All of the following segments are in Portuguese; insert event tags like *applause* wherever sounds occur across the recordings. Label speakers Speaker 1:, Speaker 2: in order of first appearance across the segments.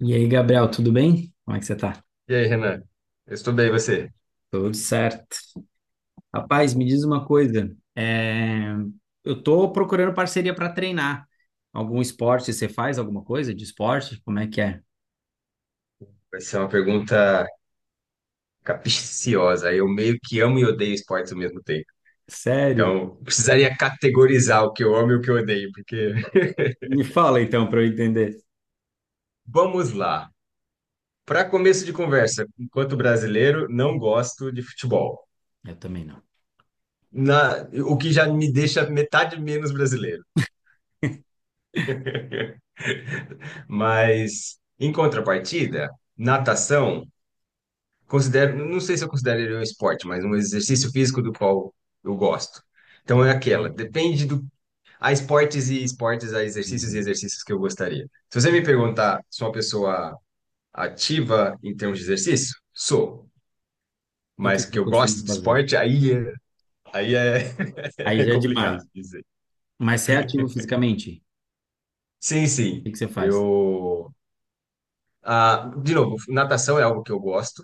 Speaker 1: E aí, Gabriel, tudo bem? Como é que você tá?
Speaker 2: E aí, Renan? Eu estou estudei você.
Speaker 1: Tudo certo. Rapaz, me diz uma coisa. Eu tô procurando parceria para treinar. Algum esporte, você faz alguma coisa de esporte? Como é que é?
Speaker 2: Vai ser uma pergunta capciosa. Eu meio que amo e odeio esportes ao mesmo tempo.
Speaker 1: Sério?
Speaker 2: Então, precisaria categorizar o que eu amo e o que eu odeio, porque *laughs*
Speaker 1: Me fala então para eu entender.
Speaker 2: vamos lá. Para começo de conversa, enquanto brasileiro, não gosto de futebol.
Speaker 1: Eu também não.
Speaker 2: O que já me deixa metade menos brasileiro. Mas, em contrapartida, natação, considero, não sei se eu considero ele um esporte, mas um exercício físico do qual eu gosto. Então é
Speaker 1: Não.
Speaker 2: aquela,
Speaker 1: Ó,
Speaker 2: depende do. Há esportes e esportes, há exercícios e
Speaker 1: uhum.
Speaker 2: exercícios que eu gostaria. Se você me perguntar se sou uma pessoa ativa em termos de exercício, sou.
Speaker 1: O que
Speaker 2: Mas
Speaker 1: que
Speaker 2: que
Speaker 1: eu
Speaker 2: eu
Speaker 1: costumo
Speaker 2: gosto de
Speaker 1: fazer?
Speaker 2: esporte, aí, aí é,
Speaker 1: Aí
Speaker 2: *laughs* é
Speaker 1: já é
Speaker 2: complicado
Speaker 1: demais.
Speaker 2: dizer.
Speaker 1: Mas você é ativo fisicamente?
Speaker 2: Sim,
Speaker 1: O que
Speaker 2: sim.
Speaker 1: que você faz?
Speaker 2: Eu. Ah, de novo, natação é algo que eu gosto,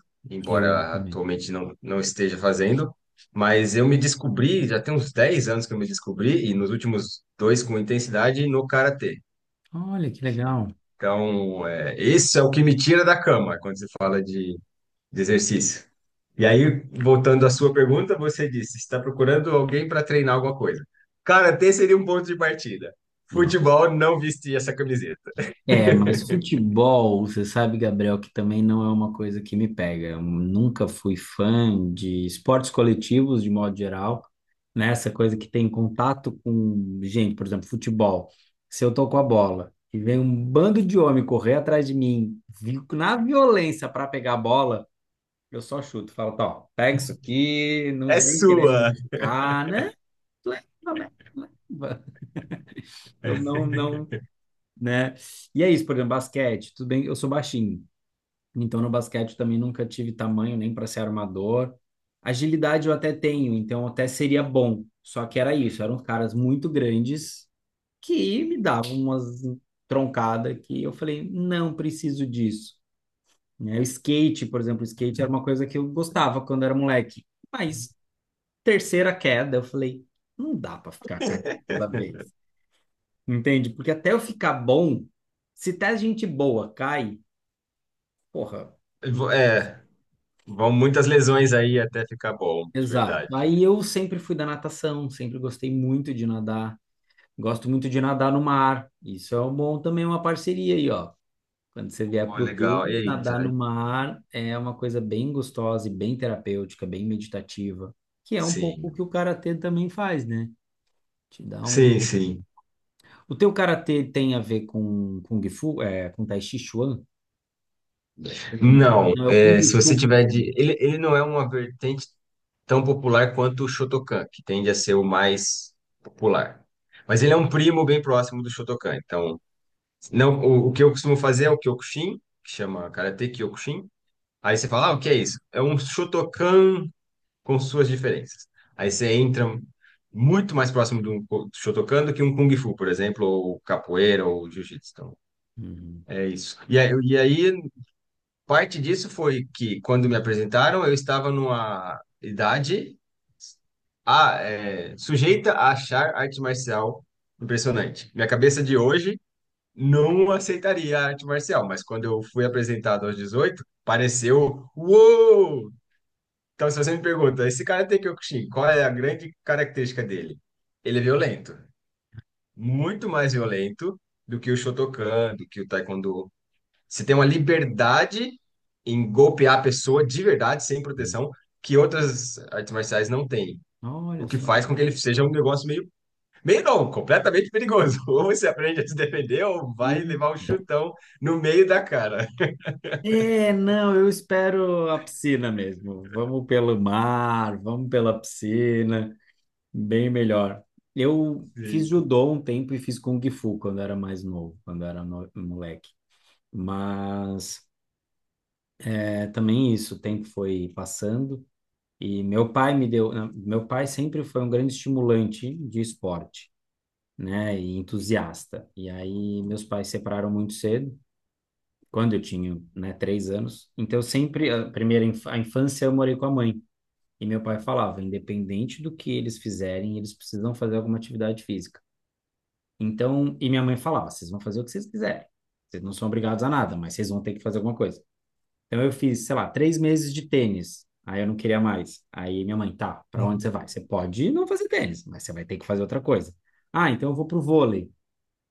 Speaker 1: Eu amo
Speaker 2: embora
Speaker 1: também.
Speaker 2: atualmente não esteja fazendo. Mas eu me descobri, já tem uns 10 anos que eu me descobri, e nos últimos dois com intensidade, no karatê.
Speaker 1: Olha, que legal.
Speaker 2: Então, é, esse é o que me tira da cama quando se fala de exercício. E aí, voltando à sua pergunta, você disse: está procurando alguém para treinar alguma coisa. Karatê seria um ponto de partida. Futebol, não vestir essa camiseta.
Speaker 1: É, mas futebol, você sabe, Gabriel, que também não é uma coisa que me pega. Eu nunca fui fã de esportes coletivos, de modo geral, né? Essa coisa que tem contato com gente, por exemplo, futebol. Se eu tô com a bola e vem um bando de homem correr atrás de mim, na violência para pegar a bola, eu só chuto. Falo, tá, ó, pega isso aqui, não
Speaker 2: É
Speaker 1: vem querer me
Speaker 2: sua!
Speaker 1: machucar, né? Leva, leva, leva. Eu não, não,
Speaker 2: *laughs*
Speaker 1: né? E é isso, por exemplo, basquete, tudo bem, eu sou baixinho, então no basquete também nunca tive tamanho nem para ser armador. Agilidade eu até tenho, então até seria bom. Só que era isso, eram caras muito grandes que me davam umas troncadas, que eu falei, não preciso disso. Né? O skate, por exemplo, o skate era uma coisa que eu gostava quando era moleque. Mas terceira queda, eu falei, não dá para ficar caindo toda vez. Entende? Porque até eu ficar bom, se até gente boa cai, porra, não
Speaker 2: Vo-
Speaker 1: vai dar
Speaker 2: É,
Speaker 1: certo.
Speaker 2: vão muitas lesões aí até ficar bom, de
Speaker 1: Exato.
Speaker 2: verdade.
Speaker 1: Aí eu sempre fui da natação, sempre gostei muito de nadar. Gosto muito de nadar no mar. Isso é um bom, também é uma parceria aí, ó. Quando você vier
Speaker 2: Pô,
Speaker 1: para o Rio,
Speaker 2: legal. Eita,
Speaker 1: nadar no mar é uma coisa bem gostosa e bem terapêutica, bem meditativa, que é um pouco o
Speaker 2: sim.
Speaker 1: que o karatê também faz, né? Te dá um.
Speaker 2: Sim, sim.
Speaker 1: O teu karatê tem a ver com Kung Fu, com Tai Chi Chuan?
Speaker 2: Não,
Speaker 1: Não, é o Kung
Speaker 2: é, se você
Speaker 1: Fu que
Speaker 2: tiver de. Ele não é uma vertente tão popular quanto o Shotokan, que tende a ser o mais popular. Mas ele é um primo bem próximo do Shotokan. Então, não, o que eu costumo fazer é o Kyokushin, que chama Karate Kyokushin. Aí você fala, ah, o que é isso? É um Shotokan com suas diferenças. Aí você
Speaker 1: tem.
Speaker 2: entra muito mais próximo do Shotokan do que um Kung Fu, por exemplo, ou capoeira, ou Jiu-Jitsu. Então,
Speaker 1: Uhum.
Speaker 2: é isso. E aí, parte disso foi que, quando me apresentaram, eu estava numa idade sujeita a achar arte marcial impressionante. Minha cabeça de hoje não aceitaria a arte marcial, mas quando eu fui apresentado aos 18 pareceu uou! Então, se você me pergunta, esse cara Karate Kyokushin, qual é a grande característica dele? Ele é violento, muito mais violento do que o Shotokan, do que o Taekwondo. Você tem uma liberdade em golpear a pessoa de verdade, sem proteção, que outras artes marciais não têm.
Speaker 1: Olha
Speaker 2: O que
Speaker 1: só.
Speaker 2: faz com que ele seja um negócio meio. Meio não, completamente perigoso. *laughs* Ou você aprende a se defender, ou vai
Speaker 1: E-
Speaker 2: levar um chutão no meio da cara.
Speaker 1: É, não, eu espero a piscina mesmo. Vamos pelo mar, vamos pela piscina, bem melhor. Eu fiz
Speaker 2: Isso.
Speaker 1: judô um tempo e fiz kung fu quando era mais novo, quando era moleque. Mas é, também isso, o tempo foi passando e meu pai me deu, não, meu pai sempre foi um grande estimulante de esporte, né, e entusiasta. E aí meus pais se separaram muito cedo, quando eu tinha, né, 3 anos. Então, sempre, a primeira a infância, eu morei com a mãe. E meu pai falava, independente do que eles fizerem, eles precisam fazer alguma atividade física. Então, e minha mãe falava, vocês vão fazer o que vocês quiserem. Vocês não são obrigados a nada, mas vocês vão ter que fazer alguma coisa. Então, eu fiz, sei lá, 3 meses de tênis. Aí eu não queria mais. Aí minha mãe, tá, pra onde você vai? Você pode não fazer tênis, mas você vai ter que fazer outra coisa. Ah, então eu vou pro vôlei.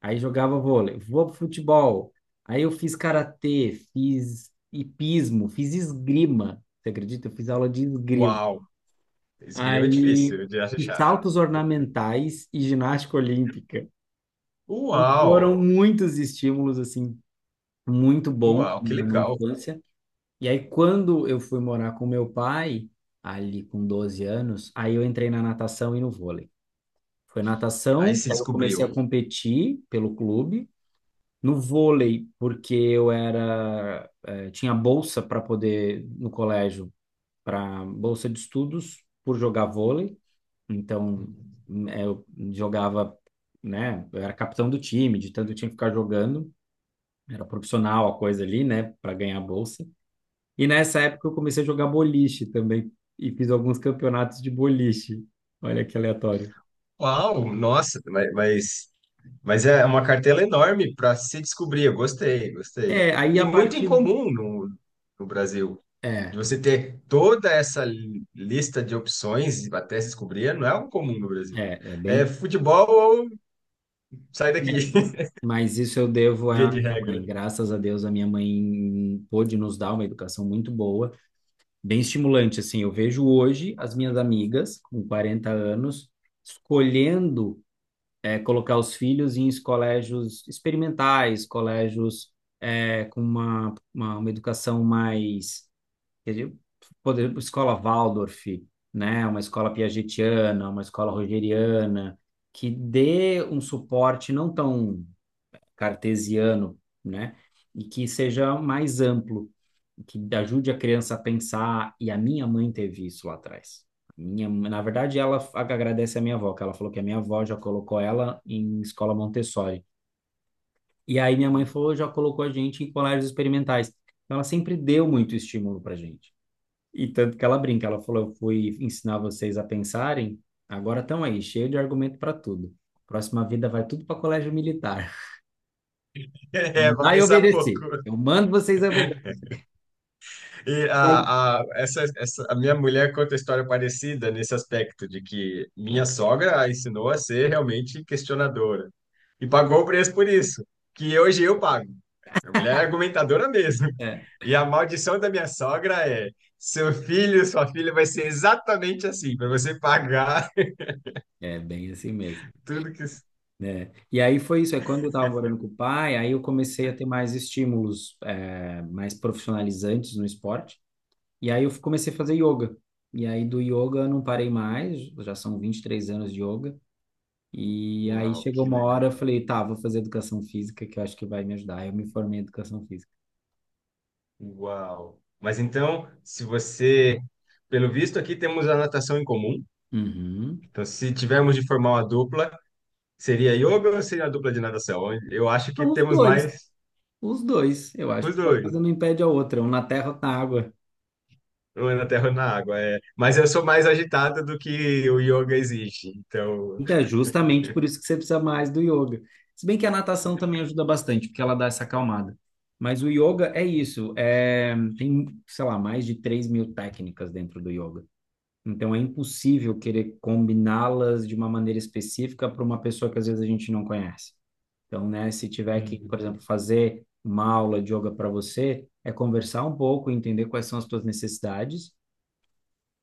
Speaker 1: Aí jogava vôlei, vou pro futebol. Aí eu fiz karatê, fiz hipismo, fiz esgrima. Você acredita? Eu fiz aula de esgrima.
Speaker 2: Uau! Esgrima é
Speaker 1: Aí
Speaker 2: difícil de
Speaker 1: fiz
Speaker 2: achar.
Speaker 1: saltos ornamentais e ginástica olímpica. Então
Speaker 2: Uau!
Speaker 1: foram muitos estímulos assim, muito bons
Speaker 2: Uau, que
Speaker 1: na minha
Speaker 2: legal.
Speaker 1: infância. E aí quando eu fui morar com meu pai, ali com 12 anos, aí eu entrei na natação e no vôlei. Foi
Speaker 2: Aí
Speaker 1: natação,
Speaker 2: se
Speaker 1: aí eu comecei
Speaker 2: descobriu.
Speaker 1: a competir pelo clube, no vôlei, porque eu era, tinha bolsa para poder, no colégio, para bolsa de estudos por jogar vôlei. Então, eu jogava, né? Eu era capitão do time, de tanto eu tinha que ficar jogando. Era profissional a coisa ali, né? Para ganhar a bolsa. E nessa época eu comecei a jogar boliche também e fiz alguns campeonatos de boliche. Olha que aleatório.
Speaker 2: Uau, nossa, mas é uma cartela enorme para se descobrir. Eu gostei, gostei.
Speaker 1: É, aí
Speaker 2: E
Speaker 1: a
Speaker 2: muito
Speaker 1: partir.
Speaker 2: incomum no Brasil. De
Speaker 1: É,
Speaker 2: você ter toda essa lista de opções até se descobrir, não é algo comum no Brasil.
Speaker 1: é
Speaker 2: É
Speaker 1: bem.
Speaker 2: futebol ou sai daqui, *laughs*
Speaker 1: Mas isso eu devo
Speaker 2: via
Speaker 1: à
Speaker 2: de
Speaker 1: minha
Speaker 2: regra.
Speaker 1: mãe. Graças a Deus, a minha mãe pôde nos dar uma educação muito boa, bem estimulante. Assim, eu vejo hoje as minhas amigas com 40 anos escolhendo colocar os filhos em colégios experimentais, colégios, com uma educação mais, quer dizer, poder, escola Waldorf, né? Uma escola Piagetiana, uma escola Rogeriana, que dê um suporte não tão cartesiano, né? E que seja mais amplo, que ajude a criança a pensar. E a minha mãe teve isso lá atrás. Minha, na verdade, ela agradece a minha avó, que ela falou que a minha avó já colocou ela em escola Montessori. E aí minha mãe
Speaker 2: *laughs*
Speaker 1: falou, já colocou a gente em colégios experimentais. Então, ela sempre deu muito estímulo pra gente. E tanto que ela brinca, ela falou, eu fui ensinar vocês a pensarem, agora estão aí, cheio de argumento para tudo. Próxima vida vai tudo para colégio militar.
Speaker 2: É, para
Speaker 1: Mandar e
Speaker 2: pensar
Speaker 1: obedecer.
Speaker 2: pouco.
Speaker 1: Eu mando vocês
Speaker 2: E
Speaker 1: obedecerem.
Speaker 2: a, a, essa, essa, a minha mulher conta história parecida nesse aspecto, de que minha sogra a ensinou a ser realmente questionadora. E pagou o preço por isso, que hoje eu pago. Minha mulher é argumentadora mesmo.
Speaker 1: É,
Speaker 2: E a maldição da minha sogra é: seu filho, sua filha vai ser exatamente assim, para você pagar
Speaker 1: é bem assim mesmo,
Speaker 2: *laughs* tudo que.
Speaker 1: né? E aí foi isso. É quando eu estava morando com o pai, aí eu comecei a ter mais estímulos, é, mais profissionalizantes no esporte. E aí eu comecei a fazer yoga. E aí do yoga eu não parei mais, já são 23 anos de yoga. E aí
Speaker 2: Uau,
Speaker 1: chegou
Speaker 2: que
Speaker 1: uma hora, eu
Speaker 2: legal.
Speaker 1: falei, tá, vou fazer educação física, que eu acho que vai me ajudar. Eu me formei em educação física.
Speaker 2: Uau. Mas então, se você. Pelo visto, aqui temos a natação em comum.
Speaker 1: Uhum.
Speaker 2: Então, se tivermos de formar uma dupla, seria yoga ou seria a dupla de natação? Eu acho que
Speaker 1: Os
Speaker 2: temos
Speaker 1: dois,
Speaker 2: mais
Speaker 1: os dois. Eu acho
Speaker 2: os
Speaker 1: que uma
Speaker 2: dois,
Speaker 1: coisa não impede a outra, um na terra, outro na água.
Speaker 2: um é na terra ou na água. É. Mas eu sou mais agitado do que o yoga exige, então.
Speaker 1: Então, é justamente por isso que você precisa mais do yoga. Se bem que a natação também ajuda bastante, porque ela dá essa acalmada. Mas o yoga é isso. É, tem, sei lá, mais de 3 mil técnicas dentro do yoga. Então, é impossível querer combiná-las de uma maneira específica para uma pessoa que às vezes a gente não conhece. Então, né, se tiver que,
Speaker 2: Hum,
Speaker 1: por exemplo, fazer uma aula de yoga para você, é conversar um pouco, entender quais são as suas necessidades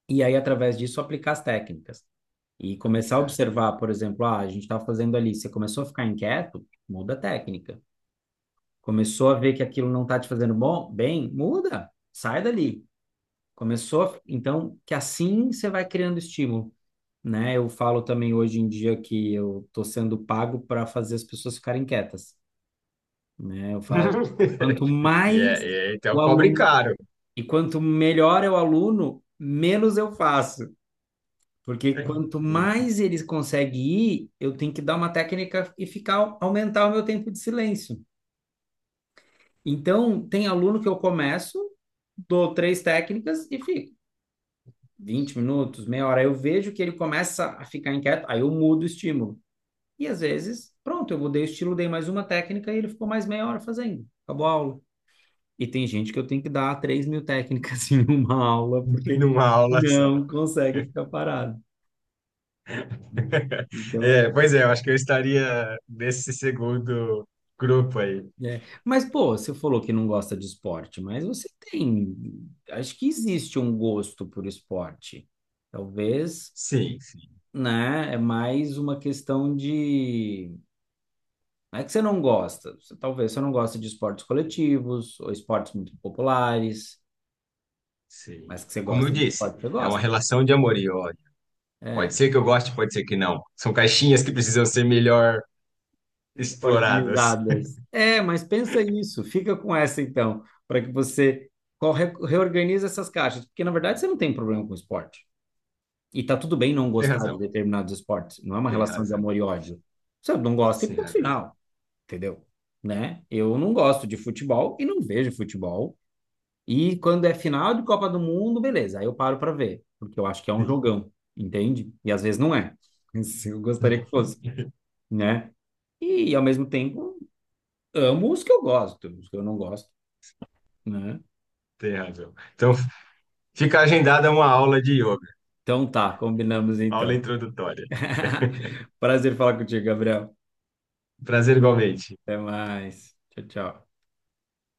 Speaker 1: e aí, através disso, aplicar as técnicas. E começar a
Speaker 2: aplicaste.
Speaker 1: observar, por exemplo, ah, a gente está fazendo ali, você começou a ficar inquieto, muda a técnica. Começou a ver que aquilo não está te fazendo bom, bem, muda, sai dali. Começou, então, que assim você vai criando estímulo, né? Eu falo também hoje em dia que eu estou sendo pago para fazer as pessoas ficarem quietas, né? Eu falo, quanto
Speaker 2: *laughs* E
Speaker 1: mais
Speaker 2: então
Speaker 1: o
Speaker 2: cobre
Speaker 1: aluno,
Speaker 2: caro
Speaker 1: e quanto melhor é o aluno, menos eu faço. Porque quanto
Speaker 2: *laughs*
Speaker 1: mais eles conseguem ir, eu tenho que dar uma técnica e ficar aumentar o meu tempo de silêncio. Então, tem aluno que eu começo, dou três técnicas e fico 20 minutos, meia hora. Eu vejo que ele começa a ficar inquieto, aí eu mudo o estímulo. E às vezes, pronto, eu mudei o estilo, dei mais uma técnica e ele ficou mais meia hora fazendo. Acabou a aula. E tem gente que eu tenho que dar 3 mil técnicas *laughs* em uma aula, porque
Speaker 2: numa aula só.
Speaker 1: não consegue
Speaker 2: *laughs*
Speaker 1: ficar parado. Então,
Speaker 2: É, pois é, eu acho que eu estaria nesse segundo grupo aí.
Speaker 1: é. Mas, pô, você falou que não gosta de esporte, mas você tem. Acho que existe um gosto por esporte. Talvez,
Speaker 2: Sim, sim,
Speaker 1: né? É mais uma questão de. Não é que você não gosta. Você, talvez você não gosta de esportes coletivos ou esportes muito populares, mas
Speaker 2: sim.
Speaker 1: que você
Speaker 2: Como eu
Speaker 1: gosta de
Speaker 2: disse,
Speaker 1: esporte, você
Speaker 2: é uma
Speaker 1: gosta.
Speaker 2: relação de amor e ódio. Pode
Speaker 1: É,
Speaker 2: ser que eu goste, pode ser que não. São caixinhas que precisam ser melhor exploradas.
Speaker 1: organizadas. É, mas pensa isso. Fica com essa, então, para que você reorganize essas caixas. Porque, na verdade, você não tem problema com esporte. E tá tudo bem não
Speaker 2: *laughs* Tem
Speaker 1: gostar de
Speaker 2: razão,
Speaker 1: determinados esportes. Não é uma
Speaker 2: tem
Speaker 1: relação de
Speaker 2: razão,
Speaker 1: amor e ódio. Você não gosta e
Speaker 2: tem
Speaker 1: ponto
Speaker 2: razão.
Speaker 1: final, entendeu? Né? Eu não gosto de futebol e não vejo futebol. E quando é final de Copa do Mundo, beleza, aí eu paro pra ver, porque eu acho que é um
Speaker 2: Sim.
Speaker 1: jogão, entende? E às vezes não é. *laughs* Isso, eu gostaria que fosse,
Speaker 2: *laughs*
Speaker 1: né? E ao mesmo tempo, amo os que eu gosto, os que eu não gosto, né?
Speaker 2: Tem razão. Então, fica agendada uma aula de yoga,
Speaker 1: Então tá, combinamos
Speaker 2: aula
Speaker 1: então.
Speaker 2: introdutória. *laughs*
Speaker 1: *laughs* Prazer falar contigo, Gabriel.
Speaker 2: Prazer igualmente.
Speaker 1: Até mais. Tchau, tchau.